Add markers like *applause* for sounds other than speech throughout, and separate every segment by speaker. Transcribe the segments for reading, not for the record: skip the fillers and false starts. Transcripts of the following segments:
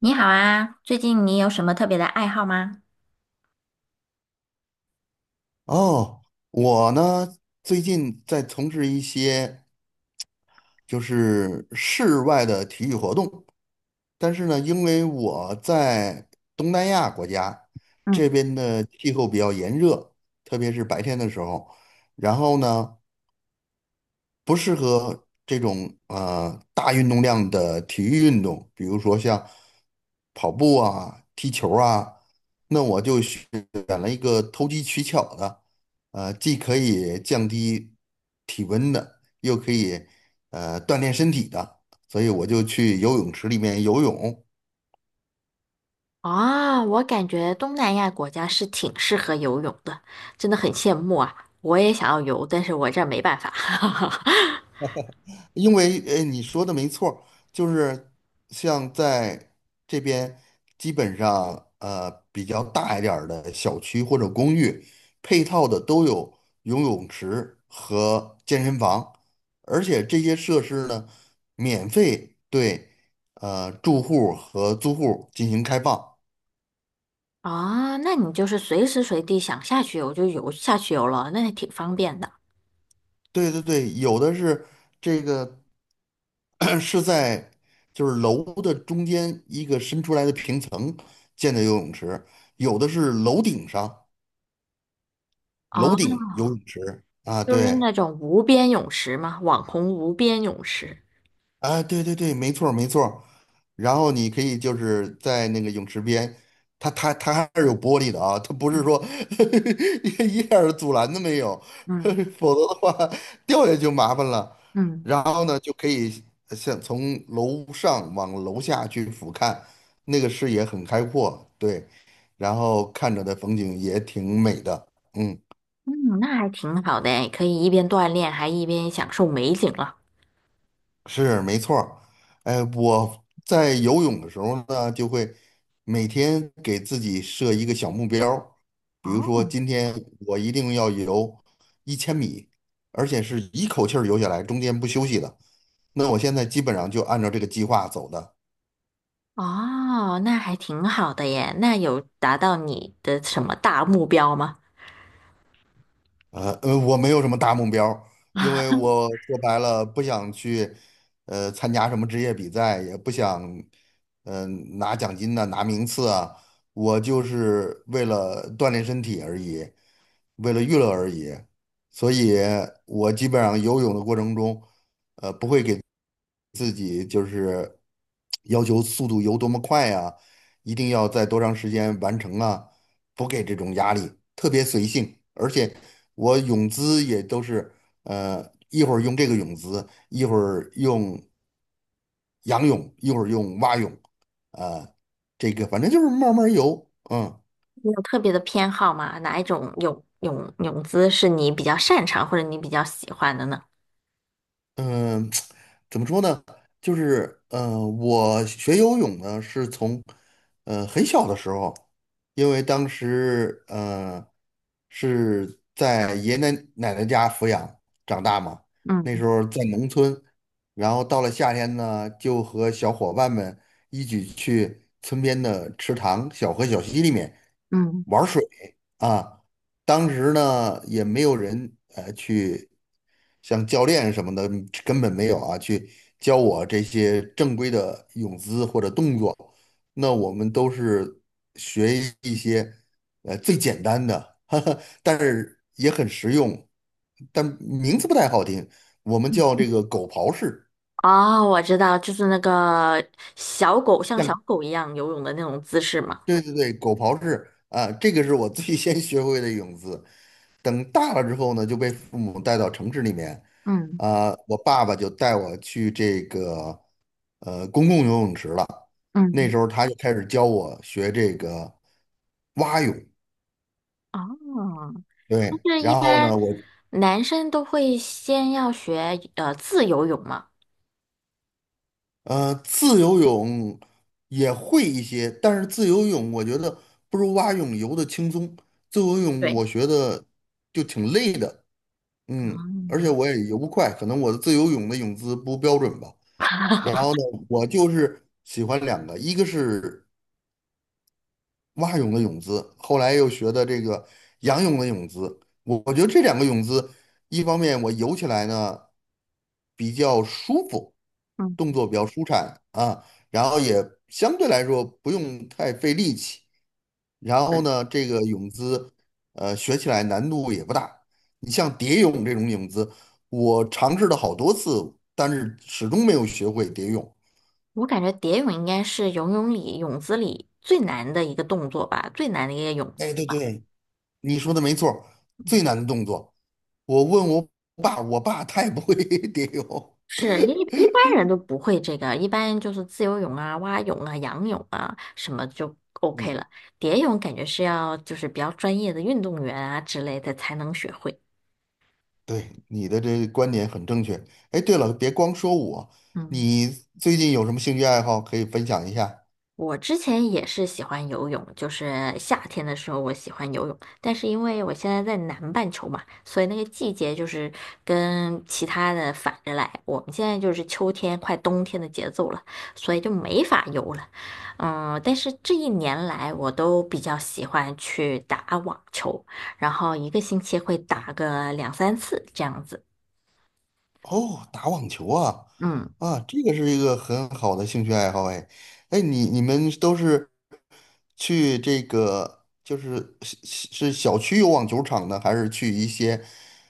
Speaker 1: 你好啊，最近你有什么特别的爱好吗？
Speaker 2: 哦，我呢最近在从事一些就是室外的体育活动，但是呢，因为我在东南亚国家这
Speaker 1: 嗯。
Speaker 2: 边的气候比较炎热，特别是白天的时候，然后呢，不适合这种大运动量的体育运动，比如说像跑步啊、踢球啊，那我就选了一个投机取巧的，既可以降低体温的，又可以锻炼身体的，所以我就去游泳池里面游泳。
Speaker 1: 啊，我感觉东南亚国家是挺适合游泳的，真的很羡慕啊！我也想要游，但是我这儿没办法。*laughs*
Speaker 2: 因为你说的没错儿，就是像在这边，基本上比较大一点儿的小区或者公寓，配套的都有游泳池和健身房，而且这些设施呢，免费对住户和租户进行开放。
Speaker 1: 啊，那你就是随时随地想下去游就游下去游了，那还挺方便的。
Speaker 2: 对对对，有的是这个 *clears throat* 是在就是楼的中间一个伸出来的平层建的游泳池，有的是楼顶上，
Speaker 1: 啊，
Speaker 2: 楼顶游泳池啊，
Speaker 1: 就是
Speaker 2: 对。
Speaker 1: 那种无边泳池嘛，网红无边泳池。
Speaker 2: 啊，对对对，没错儿没错儿，然后你可以就是在那个泳池边，它还是有玻璃的啊，它不
Speaker 1: 嗯
Speaker 2: 是说 *laughs* 一点儿阻拦都没有，
Speaker 1: 嗯
Speaker 2: *laughs* 否则的话掉下去就麻烦了。
Speaker 1: 嗯
Speaker 2: 然后呢，就可以像从楼上往楼下去俯瞰，那个视野很开阔，对，然后看着的风景也挺美的，嗯。
Speaker 1: 嗯，那还挺好的诶，可以一边锻炼还一边享受美景了。
Speaker 2: 是没错儿，哎，我在游泳的时候呢，就会每天给自己设一个小目标儿，比如说
Speaker 1: 哦
Speaker 2: 今天我一定要游1000米，而且是一口气儿游下来，中间不休息的。那我现在基本上就按照这个计划走的。
Speaker 1: 哦，那还挺好的耶。那有达到你的什么大目标吗？
Speaker 2: 我没有什么大目标，因为我说白了不想去，参加什么职业比赛，也不想，嗯、拿奖金呐、拿名次啊，我就是为了锻炼身体而已，为了娱乐而已。所以，我基本上游泳的过程中，要求速度游多么快啊，一定要在多长时间完成啊，不给这种压力，特别随性。而且我泳姿也都是，一会儿用这个泳姿，一会儿用仰泳，一会儿用蛙泳，啊、这个反正就是慢慢游，嗯。
Speaker 1: 你有特别的偏好吗？哪一种泳姿是你比较擅长或者你比较喜欢的呢？
Speaker 2: 嗯，*tsk* 怎么说呢？就是,我学游泳呢是从很小的时候，因为当时是在爷爷奶奶家抚养长大嘛，
Speaker 1: 嗯
Speaker 2: 那时候在农村，然后到了夏天呢，就和小伙伴们一起去村边的池塘、小河、小溪里面
Speaker 1: 嗯。
Speaker 2: 玩水啊。当时呢，也没有人去像教练什么的，根本没有啊，去教我这些正规的泳姿或者动作。那我们都是学一些最简单的，*laughs* 哈哈，但是也很实用，但名字不太好听，我们叫这个狗刨式。
Speaker 1: 哦，我知道，就是那个小狗像小
Speaker 2: 像。
Speaker 1: 狗一样游泳的那种姿势嘛。
Speaker 2: 对对对，狗刨式啊，这个是我最先学会的泳姿。等大了之后呢，就被父母带到城市里面，
Speaker 1: 嗯
Speaker 2: 啊、我爸爸就带我去这个公共游泳池了。那
Speaker 1: 嗯。
Speaker 2: 时候他就开始教我学这个蛙泳，
Speaker 1: 哦，
Speaker 2: 对，
Speaker 1: 就是一
Speaker 2: 然后
Speaker 1: 般
Speaker 2: 呢，我
Speaker 1: 男生都会先要学自由泳嘛。
Speaker 2: 自由泳也会一些，但是自由泳我觉得不如蛙泳游的轻松。自由泳
Speaker 1: 对。
Speaker 2: 我学的就挺累的。嗯，
Speaker 1: 哦。
Speaker 2: 而且我也游不快，可能我的自由泳的泳姿不标准吧。然后
Speaker 1: *laughs*
Speaker 2: 呢，我就是喜欢两个，一个是蛙泳的泳姿，后来又学的这个仰泳的泳姿。我觉得这两个泳姿，一方面我游起来呢比较舒服，动
Speaker 1: 嗯。
Speaker 2: 作比较舒展啊，然后也相对来说不用太费力气。然后呢，这个泳姿，学起来难度也不大。你像蝶泳这种泳姿，我尝试了好多次，但是始终没有学会蝶泳。
Speaker 1: 我感觉蝶泳应该是游泳里泳姿里最难的一个动作吧，最难的一个泳
Speaker 2: 哎，
Speaker 1: 姿
Speaker 2: 对
Speaker 1: 吧。
Speaker 2: 对，你说的没错儿，最
Speaker 1: 嗯，
Speaker 2: 难的动作。我问我爸，我爸他也不会 *laughs* 蝶泳。
Speaker 1: 是一般人都不会这个，一般就是自由泳啊、蛙泳啊、仰泳啊什么就 OK
Speaker 2: 嗯，
Speaker 1: 了。蝶泳感觉是要就是比较专业的运动员啊之类的才能学会。
Speaker 2: 对，你的这个观点很正确。哎，对了，别光说我，
Speaker 1: 嗯。
Speaker 2: 你最近有什么兴趣爱好可以分享一下？
Speaker 1: 我之前也是喜欢游泳，就是夏天的时候我喜欢游泳，但是因为我现在在南半球嘛，所以那个季节就是跟其他的反着来。我们现在就是秋天快冬天的节奏了，所以就没法游了。嗯，但是这一年来我都比较喜欢去打网球，然后一个星期会打个两三次这样子。
Speaker 2: 哦，打网球啊，
Speaker 1: 嗯。
Speaker 2: 啊，这个是一个很好的兴趣爱好。哎，哎，你你们都是去这个就是是小区有网球场呢，还是去一些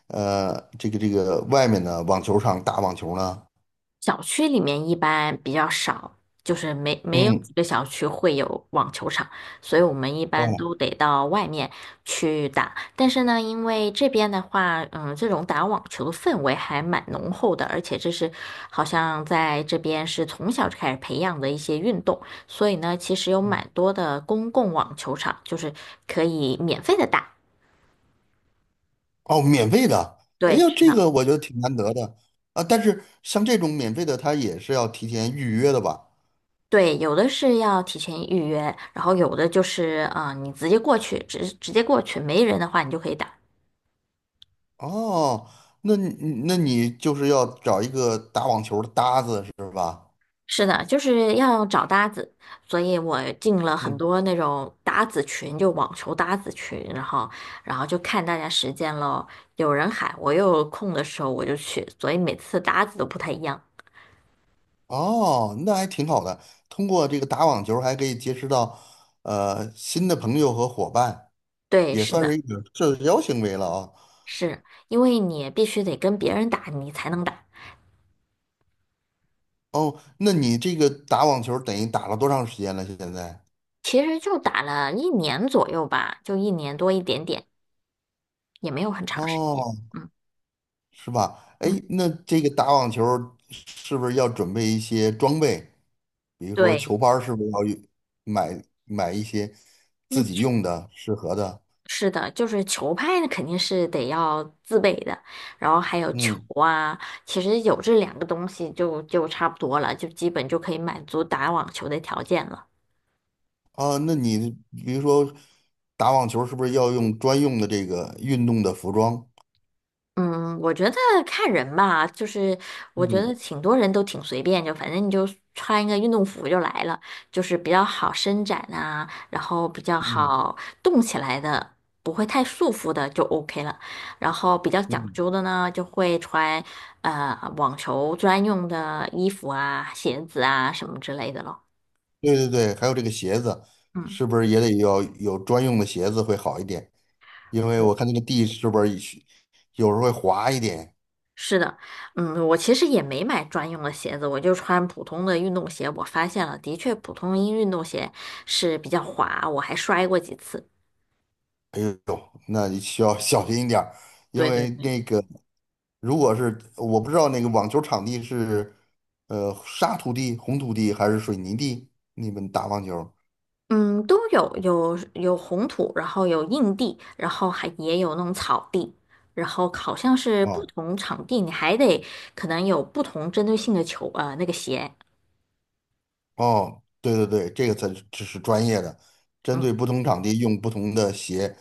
Speaker 2: 呃这个外面的网球场打网球呢？
Speaker 1: 小区里面一般比较少，就是没有几
Speaker 2: 嗯，
Speaker 1: 个小区会有网球场，所以我们一般
Speaker 2: 哦，
Speaker 1: 都得到外面去打。但是呢，因为这边的话，嗯，这种打网球的氛围还蛮浓厚的，而且这是好像在这边是从小就开始培养的一些运动，所以呢，其实有
Speaker 2: 嗯。
Speaker 1: 蛮多的公共网球场，就是可以免费的打。
Speaker 2: 哦，免费的，哎
Speaker 1: 对。
Speaker 2: 呦，
Speaker 1: 是
Speaker 2: 这
Speaker 1: 的。
Speaker 2: 个我觉得挺难得的啊。但是像这种免费的，它也是要提前预约的吧？
Speaker 1: 对，有的是要提前预约，然后有的就是啊、你直接过去，直接过去，没人的话你就可以打。
Speaker 2: 哦，那你那你就是要找一个打网球的搭子是吧？
Speaker 1: 是的，就是要找搭子，所以我进了很
Speaker 2: 嗯，
Speaker 1: 多那种搭子群，就网球搭子群，然后然后就看大家时间咯，有人喊，我又有空的时候我就去，所以每次搭子都不太一样。
Speaker 2: 哦，那还挺好的。通过这个打网球，还可以结识到新的朋友和伙伴，
Speaker 1: 对，
Speaker 2: 也
Speaker 1: 是
Speaker 2: 算
Speaker 1: 的。
Speaker 2: 是一种社交行为了啊。
Speaker 1: 是因为你必须得跟别人打，你才能打。
Speaker 2: 哦，那你这个打网球等于打了多长时间了？现在？
Speaker 1: 其实就打了一年左右吧，就一年多一点点。也没有很长时间。
Speaker 2: 哦。
Speaker 1: 嗯
Speaker 2: 是吧？哎，
Speaker 1: 嗯。
Speaker 2: 那这个打网球儿是不是要准备一些装备？比如说
Speaker 1: 对，
Speaker 2: 球拍，是不是要有买一些
Speaker 1: 那
Speaker 2: 自己
Speaker 1: 确
Speaker 2: 用的适合的？
Speaker 1: 是的，就是球拍那肯定是得要自备的，然后还有球
Speaker 2: 嗯，
Speaker 1: 啊，其实有这两个东西就就差不多了，就基本就可以满足打网球的条件了。
Speaker 2: 啊，那你比如说打网球，是不是要用专用的这个运动的服装？
Speaker 1: 嗯，我觉得看人吧，就是我觉得
Speaker 2: 嗯
Speaker 1: 挺多人都挺随便，就反正你就穿一个运动服就来了，就是比较好伸展啊，然后比较
Speaker 2: 嗯
Speaker 1: 好动起来的，不会太束缚的就 OK 了。然后比较讲
Speaker 2: 嗯，
Speaker 1: 究的呢，就会穿网球专用的衣服啊、鞋子啊什么之类的咯。
Speaker 2: 对对对，还有这个鞋子，
Speaker 1: 嗯。
Speaker 2: 是不是也得要有专用的鞋子会好一点？因为我看那个地是不是有时候会滑一点。
Speaker 1: 是的，嗯，我其实也没买专用的鞋子，我就穿普通的运动鞋。我发现了，的确，普通一运动鞋是比较滑，我还摔过几次。
Speaker 2: 哎呦，那你需要 *laughs* 小心一点儿，因
Speaker 1: 对对
Speaker 2: 为
Speaker 1: 对，
Speaker 2: 那个如果是我不知道那个网球场地是沙土地、红土地还是水泥地，你们打网球
Speaker 1: 嗯，都有，有红土，然后有硬地，然后还也有那种草地，然后好像是不
Speaker 2: 哦。
Speaker 1: 同场地，你还得可能有不同针对性的球，那个鞋。
Speaker 2: 哦，对对对，这个才是，这是专业的，针
Speaker 1: 嗯，
Speaker 2: 对不同场地用不同的鞋，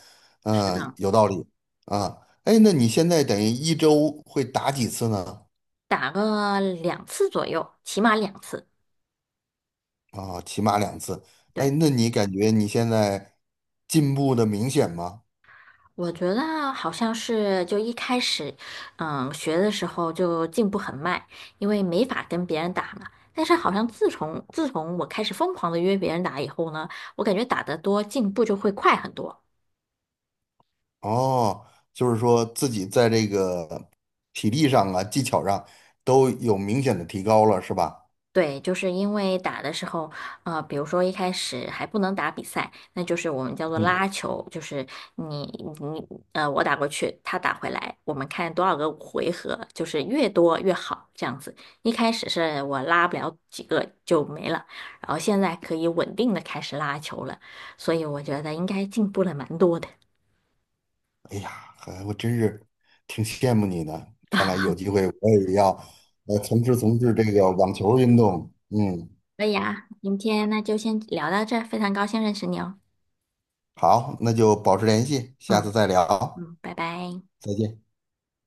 Speaker 1: 是
Speaker 2: 嗯、
Speaker 1: 的，
Speaker 2: 有道理啊。哎，那你现在等于一周会打几次呢？
Speaker 1: 打个两次左右，起码两次。
Speaker 2: 啊、起码两次。哎，
Speaker 1: 对。
Speaker 2: 那你感觉你现在进步的明显吗？
Speaker 1: 我觉得好像是就一开始，嗯，学的时候就进步很慢，因为没法跟别人打嘛。但是好像自从我开始疯狂的约别人打以后呢，我感觉打得多，进步就会快很多。
Speaker 2: 哦，就是说自己在这个体力上啊、技巧上都有明显的提高了，是吧？
Speaker 1: 对，就是因为打的时候，比如说一开始还不能打比赛，那就是我们叫做
Speaker 2: 嗯，
Speaker 1: 拉球，就是你你呃，我打过去，他打回来，我们看多少个回合，就是越多越好这样子。一开始是我拉不了几个就没了，然后现在可以稳定的开始拉球了，所以我觉得应该进步了蛮多的。
Speaker 2: 哎呀，还我真是挺羡慕你的。看来有
Speaker 1: *laughs*
Speaker 2: 机会我也要从事这个网球运动。嗯，
Speaker 1: 可以啊，今天那就先聊到这儿，非常高兴认识你哦。
Speaker 2: 好，那就保持联系，下
Speaker 1: 嗯
Speaker 2: 次再聊，
Speaker 1: 嗯，拜拜。
Speaker 2: 再见。